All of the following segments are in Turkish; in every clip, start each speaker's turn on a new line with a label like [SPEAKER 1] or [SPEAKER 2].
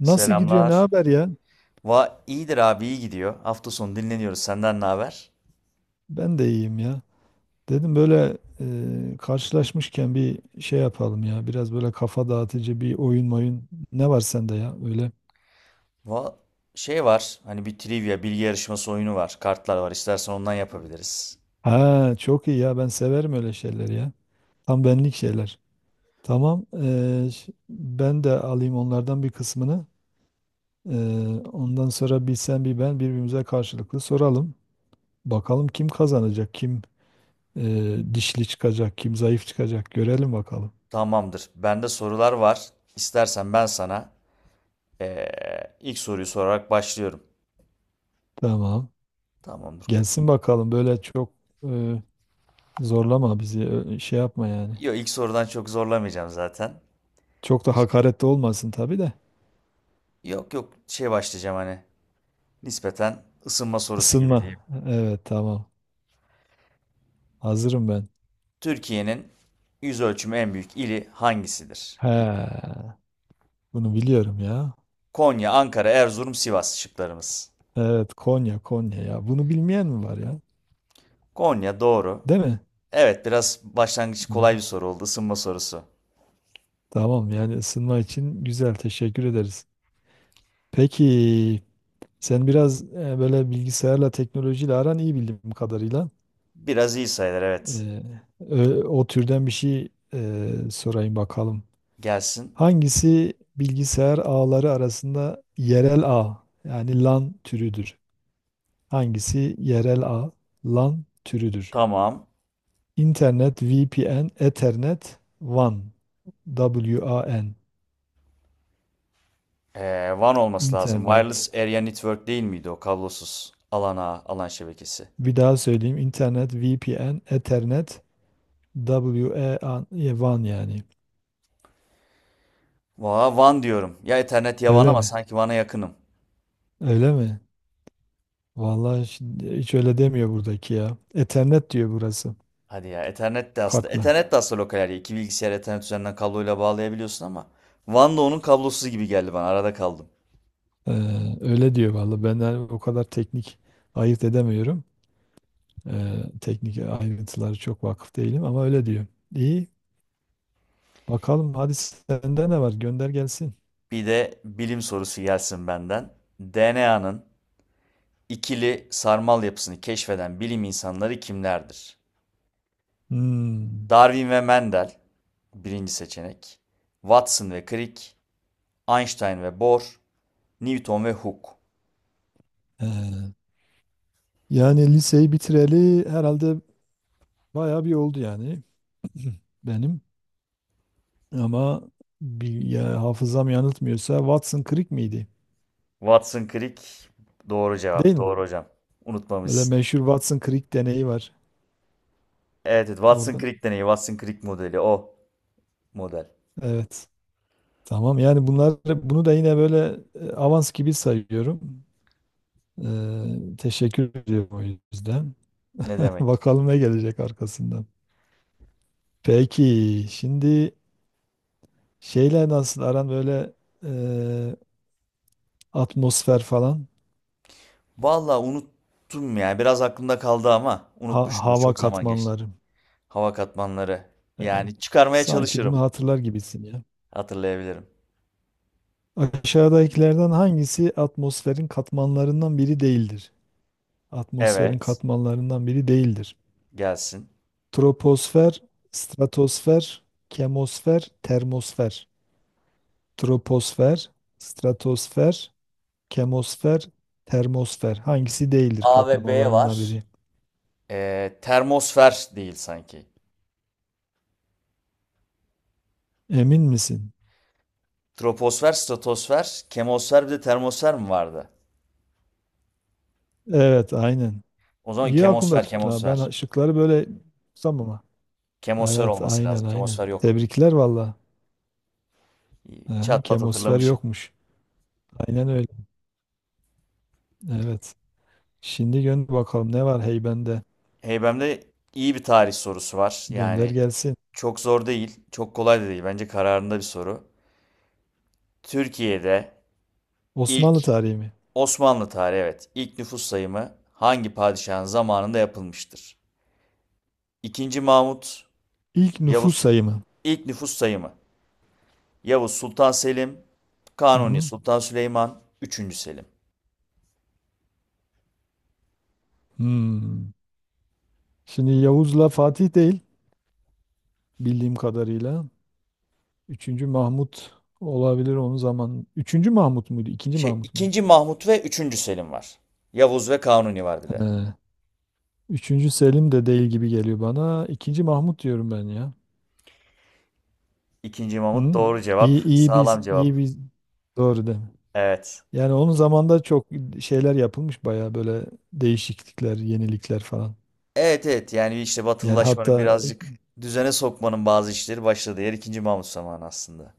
[SPEAKER 1] Nasıl gidiyor, ne
[SPEAKER 2] Selamlar.
[SPEAKER 1] haber ya?
[SPEAKER 2] İyidir abi, iyi gidiyor. Hafta sonu dinleniyoruz. Senden ne haber?
[SPEAKER 1] Ben de iyiyim ya. Dedim böyle karşılaşmışken bir şey yapalım ya. Biraz böyle kafa dağıtıcı bir oyun moyun. Ne var sende ya öyle?
[SPEAKER 2] Va Şey var. Hani bir trivia, bilgi yarışması oyunu var. Kartlar var. İstersen ondan yapabiliriz.
[SPEAKER 1] Ha çok iyi ya ben severim öyle şeyleri ya. Tam benlik şeyler. Tamam ben de alayım onlardan bir kısmını. E, Ondan sonra bir sen bir ben birbirimize karşılıklı soralım. Bakalım kim kazanacak, kim dişli çıkacak, kim zayıf çıkacak görelim bakalım.
[SPEAKER 2] Tamamdır. Bende sorular var. İstersen ben sana ilk soruyu sorarak başlıyorum.
[SPEAKER 1] Tamam.
[SPEAKER 2] Tamamdır.
[SPEAKER 1] Gelsin bakalım böyle çok e, zorlama bizi şey yapma yani.
[SPEAKER 2] Yok, ilk sorudan çok zorlamayacağım zaten.
[SPEAKER 1] Çok da hakaretli olmasın tabii de.
[SPEAKER 2] Yok yok, şey başlayacağım, hani nispeten ısınma sorusu gibi
[SPEAKER 1] Isınma.
[SPEAKER 2] diyeyim.
[SPEAKER 1] Evet, tamam. Hazırım ben.
[SPEAKER 2] Türkiye'nin yüz ölçümü en büyük ili hangisidir?
[SPEAKER 1] He, bunu biliyorum ya.
[SPEAKER 2] Konya, Ankara, Erzurum, Sivas şıklarımız.
[SPEAKER 1] Evet, Konya, Konya ya. Bunu bilmeyen mi var ya?
[SPEAKER 2] Konya doğru.
[SPEAKER 1] Değil mi?
[SPEAKER 2] Evet, biraz başlangıç kolay
[SPEAKER 1] Evet,
[SPEAKER 2] bir soru oldu. Isınma sorusu.
[SPEAKER 1] tamam yani ısınma için güzel, teşekkür ederiz. Peki sen biraz böyle bilgisayarla teknolojiyle aran iyi bildiğim kadarıyla.
[SPEAKER 2] Biraz iyi sayılır, evet.
[SPEAKER 1] E, O türden bir şey sorayım bakalım.
[SPEAKER 2] Gelsin.
[SPEAKER 1] Hangisi bilgisayar ağları arasında yerel ağ yani LAN türüdür? Hangisi yerel ağ LAN türüdür?
[SPEAKER 2] Tamam.
[SPEAKER 1] İnternet, VPN, Ethernet, WAN, WAN,
[SPEAKER 2] WAN olması lazım.
[SPEAKER 1] internet.
[SPEAKER 2] Wireless Area Network değil miydi o kablosuz alan ağı, alan şebekesi?
[SPEAKER 1] Bir daha söyleyeyim. İnternet, VPN, Ethernet, WAN, WAN yani.
[SPEAKER 2] Valla WAN diyorum. Ya Ethernet ya WAN,
[SPEAKER 1] Öyle
[SPEAKER 2] ama
[SPEAKER 1] mi?
[SPEAKER 2] sanki WAN'a yakınım.
[SPEAKER 1] Öyle mi? Vallahi şimdi hiç öyle demiyor buradaki ya. Ethernet diyor burası.
[SPEAKER 2] Hadi ya, Ethernet de aslında.
[SPEAKER 1] Kartla.
[SPEAKER 2] Ethernet de aslında lokal area. İki bilgisayar Ethernet üzerinden kabloyla bağlayabiliyorsun ama WAN da onun kablosuzu gibi geldi bana. Arada kaldım.
[SPEAKER 1] Ee, Öyle diyor vallahi. Ben de o kadar teknik ayırt edemiyorum. Teknik ayrıntıları çok vakıf değilim ama öyle diyor. İyi. Bakalım hadi, sende ne var? Gönder gelsin.
[SPEAKER 2] Bir de bilim sorusu gelsin benden. DNA'nın İkili sarmal yapısını keşfeden bilim insanları kimlerdir?
[SPEAKER 1] Hmm.
[SPEAKER 2] Darwin ve Mendel, birinci seçenek. Watson ve Crick, Einstein ve Bohr, Newton ve Hooke.
[SPEAKER 1] ee, Yani liseyi bitireli herhalde bayağı bir oldu yani benim. Ama bir, ya, hafızam yanıltmıyorsa Watson Creek miydi?
[SPEAKER 2] Watson Crick doğru
[SPEAKER 1] Değil
[SPEAKER 2] cevap.
[SPEAKER 1] mi?
[SPEAKER 2] Doğru hocam.
[SPEAKER 1] Böyle
[SPEAKER 2] Unutmamışsın.
[SPEAKER 1] meşhur Watson Creek deneyi var
[SPEAKER 2] Evet, evet, Watson
[SPEAKER 1] orada.
[SPEAKER 2] Crick deneyi, Watson Crick modeli, o model.
[SPEAKER 1] Evet. Tamam yani bunlar, bunu da yine böyle avans gibi sayıyorum. Teşekkür ediyorum o yüzden.
[SPEAKER 2] Ne demek?
[SPEAKER 1] Bakalım ne gelecek arkasından. Peki şimdi şeyler nasıl aran böyle e, atmosfer falan,
[SPEAKER 2] Vallahi unuttum ya. Biraz aklımda kaldı ama unutmuşumdur.
[SPEAKER 1] hava
[SPEAKER 2] Çok zaman geçti.
[SPEAKER 1] katmanları.
[SPEAKER 2] Hava katmanları.
[SPEAKER 1] E,
[SPEAKER 2] Yani çıkarmaya
[SPEAKER 1] Sanki bunu
[SPEAKER 2] çalışırım.
[SPEAKER 1] hatırlar gibisin ya.
[SPEAKER 2] Hatırlayabilirim.
[SPEAKER 1] Aşağıdakilerden hangisi atmosferin katmanlarından biri değildir? Atmosferin
[SPEAKER 2] Evet.
[SPEAKER 1] katmanlarından biri değildir.
[SPEAKER 2] Gelsin.
[SPEAKER 1] Troposfer, stratosfer, kemosfer, termosfer. Troposfer, stratosfer, kemosfer, termosfer. Hangisi değildir
[SPEAKER 2] A ve B
[SPEAKER 1] katmanlarından
[SPEAKER 2] var.
[SPEAKER 1] biri?
[SPEAKER 2] Termosfer değil sanki.
[SPEAKER 1] Emin misin?
[SPEAKER 2] Troposfer, stratosfer, kemosfer, bir de termosfer mi vardı?
[SPEAKER 1] Evet, aynen.
[SPEAKER 2] O zaman
[SPEAKER 1] İyi aklında
[SPEAKER 2] kemosfer,
[SPEAKER 1] tutun ha.
[SPEAKER 2] kemosfer.
[SPEAKER 1] Ben şıkları böyle tutsam ama.
[SPEAKER 2] Kemosfer
[SPEAKER 1] Evet,
[SPEAKER 2] olması
[SPEAKER 1] aynen,
[SPEAKER 2] lazım.
[SPEAKER 1] aynen.
[SPEAKER 2] Kemosfer yok.
[SPEAKER 1] Tebrikler valla. Aha,
[SPEAKER 2] Çat pat
[SPEAKER 1] kemosfer
[SPEAKER 2] hatırlamışım.
[SPEAKER 1] yokmuş. Aynen öyle. Evet. Şimdi gönder bakalım ne var heybende.
[SPEAKER 2] Heybem'de iyi bir tarih sorusu var.
[SPEAKER 1] Gönder
[SPEAKER 2] Yani
[SPEAKER 1] gelsin.
[SPEAKER 2] çok zor değil, çok kolay da değil. Bence kararında bir soru. Türkiye'de ilk
[SPEAKER 1] Osmanlı tarihi mi?
[SPEAKER 2] Osmanlı tarihi, evet, ilk nüfus sayımı hangi padişahın zamanında yapılmıştır? İkinci Mahmut,
[SPEAKER 1] İlk nüfus
[SPEAKER 2] Yavuz,
[SPEAKER 1] sayımı.
[SPEAKER 2] ilk nüfus sayımı. Yavuz Sultan Selim,
[SPEAKER 1] Hı
[SPEAKER 2] Kanuni
[SPEAKER 1] hı.
[SPEAKER 2] Sultan Süleyman, üçüncü Selim.
[SPEAKER 1] Hmm. Şimdi Yavuz'la Fatih değil bildiğim kadarıyla. Üçüncü Mahmut olabilir onun zaman. Üçüncü Mahmut muydu? İkinci
[SPEAKER 2] Şey,
[SPEAKER 1] Mahmut muydu?
[SPEAKER 2] ikinci Mahmut ve üçüncü Selim var. Yavuz ve Kanuni var bir de.
[SPEAKER 1] He. Üçüncü Selim de değil gibi geliyor bana. İkinci Mahmut diyorum ben ya.
[SPEAKER 2] İkinci Mahmut
[SPEAKER 1] Hı?
[SPEAKER 2] doğru cevap.
[SPEAKER 1] İyi, iyi biz,
[SPEAKER 2] Sağlam cevap.
[SPEAKER 1] iyi biz. Doğru değil mi?
[SPEAKER 2] Evet.
[SPEAKER 1] Yani onun zamanında çok şeyler yapılmış bayağı, böyle değişiklikler, yenilikler falan.
[SPEAKER 2] Evet evet, yani işte
[SPEAKER 1] Yani
[SPEAKER 2] batılılaşmanın
[SPEAKER 1] hatta
[SPEAKER 2] birazcık düzene sokmanın bazı işleri başladığı yer ikinci Mahmut zamanı aslında.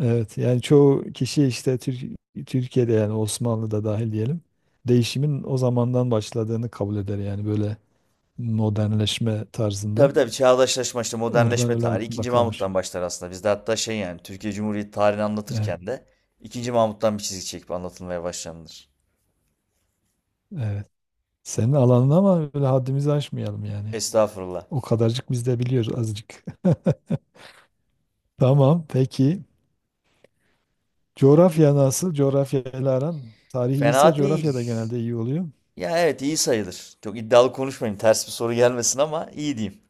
[SPEAKER 1] evet yani çoğu kişi işte Türkiye'de yani Osmanlı'da dahil diyelim değişimin o zamandan başladığını kabul eder yani böyle modernleşme tarzında.
[SPEAKER 2] Tabii tabii, çağdaşlaşma işte
[SPEAKER 1] Oradan
[SPEAKER 2] modernleşme
[SPEAKER 1] öyle
[SPEAKER 2] tarihi
[SPEAKER 1] aklımda
[SPEAKER 2] ikinci
[SPEAKER 1] kalmış.
[SPEAKER 2] Mahmut'tan başlar aslında. Bizde hatta şey, yani Türkiye Cumhuriyeti tarihini
[SPEAKER 1] Evet,
[SPEAKER 2] anlatırken de ikinci Mahmut'tan bir çizgi çekip anlatılmaya başlanılır.
[SPEAKER 1] evet. Senin alanın ama, öyle haddimizi aşmayalım yani.
[SPEAKER 2] Estağfurullah.
[SPEAKER 1] O kadarcık biz de biliyoruz azıcık. Tamam peki. Coğrafya nasıl? Coğrafya ile aran. Tarih iyiyse
[SPEAKER 2] Fena
[SPEAKER 1] coğrafya da
[SPEAKER 2] değil.
[SPEAKER 1] genelde iyi oluyor.
[SPEAKER 2] Ya evet, iyi sayılır. Çok iddialı konuşmayayım. Ters bir soru gelmesin ama iyi diyeyim.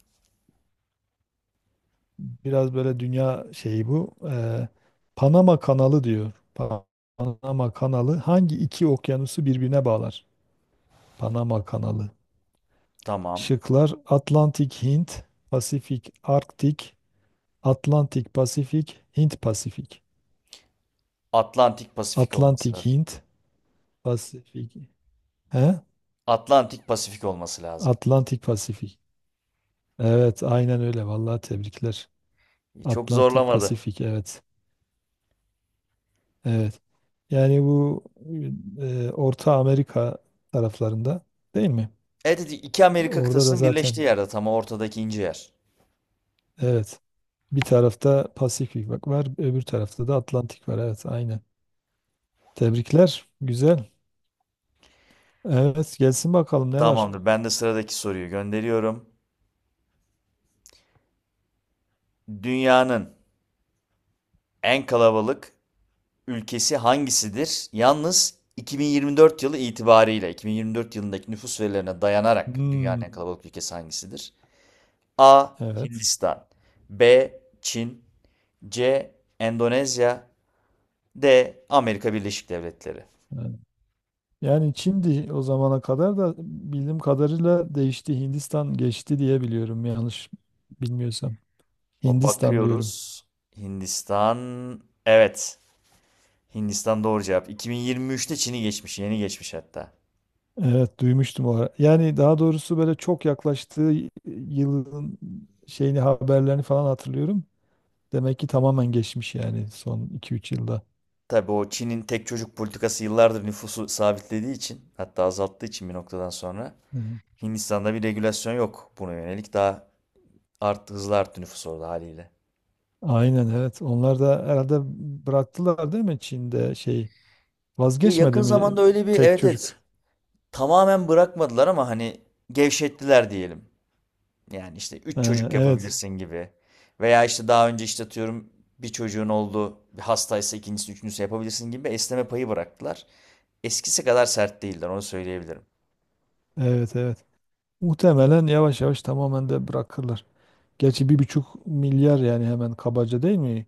[SPEAKER 1] Biraz böyle dünya şeyi bu. Panama Kanalı diyor. Panama Kanalı hangi iki okyanusu birbirine bağlar? Panama Kanalı.
[SPEAKER 2] Tamam.
[SPEAKER 1] Şıklar: Atlantik Hint, Pasifik Arktik, Atlantik Pasifik, Hint Pasifik.
[SPEAKER 2] Atlantik Pasifik olması
[SPEAKER 1] Atlantik
[SPEAKER 2] lazım.
[SPEAKER 1] Hint, Pasifik. He?
[SPEAKER 2] Atlantik Pasifik olması lazım.
[SPEAKER 1] Atlantik Pasifik. Evet, aynen öyle. Vallahi tebrikler.
[SPEAKER 2] Çok
[SPEAKER 1] Atlantik
[SPEAKER 2] zorlamadı.
[SPEAKER 1] Pasifik, evet. Evet. Yani bu Orta Amerika taraflarında değil mi?
[SPEAKER 2] Evet evet, iki Amerika
[SPEAKER 1] Orada da
[SPEAKER 2] kıtasının birleştiği
[SPEAKER 1] zaten,
[SPEAKER 2] yerde tam ortadaki ince yer.
[SPEAKER 1] evet. Bir tarafta Pasifik bak var, öbür tarafta da Atlantik var. Evet, aynen. Tebrikler. Güzel. Evet, gelsin bakalım ne var?
[SPEAKER 2] Tamamdır. Ben de sıradaki soruyu gönderiyorum. Dünyanın en kalabalık ülkesi hangisidir? Yalnız 2024 yılı itibariyle, 2024 yılındaki nüfus verilerine dayanarak dünyanın
[SPEAKER 1] Hmm,
[SPEAKER 2] en kalabalık ülkesi hangisidir? A.
[SPEAKER 1] evet.
[SPEAKER 2] Hindistan. B. Çin. C. Endonezya. D. Amerika Birleşik Devletleri.
[SPEAKER 1] Evet. Yani Çin'di o zamana kadar da, bildiğim kadarıyla değişti. Hindistan geçti diye biliyorum, yanlış bilmiyorsam.
[SPEAKER 2] O
[SPEAKER 1] Hindistan diyorum.
[SPEAKER 2] bakıyoruz. Hindistan. Evet. Hindistan doğru cevap. 2023'te Çin'i geçmiş. Yeni geçmiş hatta.
[SPEAKER 1] Evet, duymuştum o ara. Yani daha doğrusu böyle çok yaklaştığı yılın şeyini, haberlerini falan hatırlıyorum. Demek ki tamamen geçmiş yani son iki üç yılda.
[SPEAKER 2] Tabii, o Çin'in tek çocuk politikası yıllardır nüfusu sabitlediği için, hatta azalttığı için, bir noktadan sonra
[SPEAKER 1] Evet.
[SPEAKER 2] Hindistan'da bir regülasyon yok buna yönelik. Daha hızlı arttı nüfus orada haliyle.
[SPEAKER 1] Aynen, evet. Onlar da herhalde bıraktılar değil mi Çin'de şey,
[SPEAKER 2] Ki
[SPEAKER 1] vazgeçmedi
[SPEAKER 2] yakın
[SPEAKER 1] mi
[SPEAKER 2] zamanda öyle bir,
[SPEAKER 1] tek
[SPEAKER 2] evet
[SPEAKER 1] çocuk?
[SPEAKER 2] evet, tamamen bırakmadılar ama hani gevşettiler diyelim. Yani işte
[SPEAKER 1] Ee,
[SPEAKER 2] 3 çocuk
[SPEAKER 1] evet.
[SPEAKER 2] yapabilirsin gibi. Veya işte daha önce işte atıyorum bir çocuğun oldu, bir hastaysa ikincisi, üçüncüsü yapabilirsin gibi esneme payı bıraktılar. Eskisi kadar sert değiller, onu söyleyebilirim.
[SPEAKER 1] Evet, evet. Muhtemelen yavaş yavaş tamamen de bırakırlar. Gerçi bir buçuk milyar yani hemen, kabaca değil mi?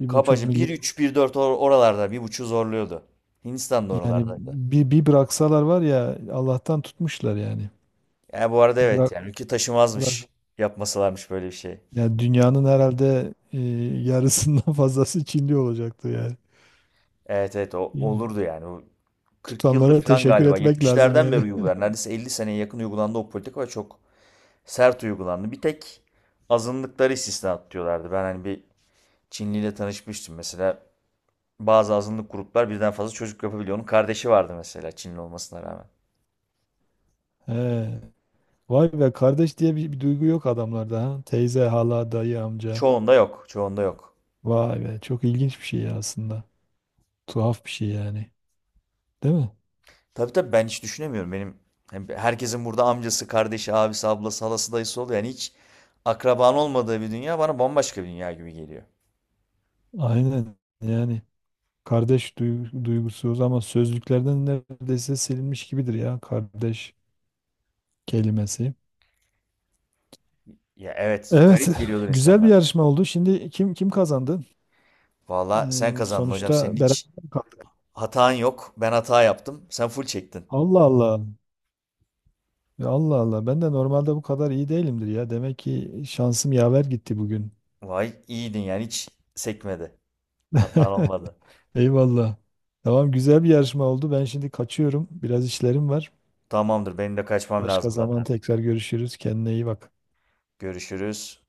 [SPEAKER 1] Bir buçuk
[SPEAKER 2] Kabaca bir
[SPEAKER 1] milyar.
[SPEAKER 2] üç bir dört oralarda, 1,5 zorluyordu. Hindistan da
[SPEAKER 1] Yani
[SPEAKER 2] oralardaydı.
[SPEAKER 1] bir, bir bıraksalar var ya, Allah'tan tutmuşlar yani.
[SPEAKER 2] Yani bu arada evet,
[SPEAKER 1] Bırak,
[SPEAKER 2] yani ülke
[SPEAKER 1] bırak.
[SPEAKER 2] taşımazmış yapmasalarmış böyle bir şey.
[SPEAKER 1] Yani dünyanın herhalde yarısından fazlası Çinli olacaktı yani.
[SPEAKER 2] Evet evet, o
[SPEAKER 1] İyi.
[SPEAKER 2] olurdu yani. O 40 yıldır
[SPEAKER 1] Tutanlara
[SPEAKER 2] falan
[SPEAKER 1] teşekkür
[SPEAKER 2] galiba,
[SPEAKER 1] etmek lazım
[SPEAKER 2] 70'lerden beri
[SPEAKER 1] yani.
[SPEAKER 2] uygular. Neredeyse 50 seneye yakın uygulandı o politika ve çok sert uygulandı. Bir tek azınlıkları istisna atıyorlardı. Ben hani bir Çinliyle tanışmıştım. Mesela bazı azınlık gruplar birden fazla çocuk yapabiliyor. Onun kardeşi vardı mesela, Çinli olmasına rağmen.
[SPEAKER 1] He. Vay be, kardeş diye bir, bir duygu yok adamlarda ha. Teyze, hala, dayı, amca.
[SPEAKER 2] Çoğunda yok, çoğunda yok.
[SPEAKER 1] Vay be, çok ilginç bir şey ya aslında. Tuhaf bir şey yani. Değil mi?
[SPEAKER 2] Tabii tabii, ben hiç düşünemiyorum. Benim, hem herkesin burada amcası, kardeşi, abisi, ablası, halası, dayısı oluyor. Yani hiç akraban olmadığı bir dünya bana bambaşka bir dünya gibi geliyor.
[SPEAKER 1] Aynen yani. Kardeş duygusuz ama sözlüklerden neredeyse silinmiş gibidir ya kardeş kelimesi.
[SPEAKER 2] Ya evet,
[SPEAKER 1] Evet,
[SPEAKER 2] garip geliyordur
[SPEAKER 1] güzel bir
[SPEAKER 2] insanlara.
[SPEAKER 1] yarışma oldu. Şimdi kim kim kazandı?
[SPEAKER 2] Valla sen kazandın hocam. Senin
[SPEAKER 1] Sonuçta beraber
[SPEAKER 2] hiç
[SPEAKER 1] kaldık.
[SPEAKER 2] hatan yok. Ben hata yaptım. Sen full çektin.
[SPEAKER 1] Allah Allah. Ya Allah Allah. Ben de normalde bu kadar iyi değilimdir ya. Demek ki şansım yaver gitti bugün.
[SPEAKER 2] Vay iyiydin yani, hiç sekmedi. Hatan olmadı.
[SPEAKER 1] Eyvallah. Tamam, güzel bir yarışma oldu. Ben şimdi kaçıyorum. Biraz işlerim var.
[SPEAKER 2] Tamamdır, benim de kaçmam
[SPEAKER 1] Başka
[SPEAKER 2] lazım
[SPEAKER 1] zaman
[SPEAKER 2] zaten.
[SPEAKER 1] tekrar görüşürüz. Kendine iyi bak.
[SPEAKER 2] Görüşürüz.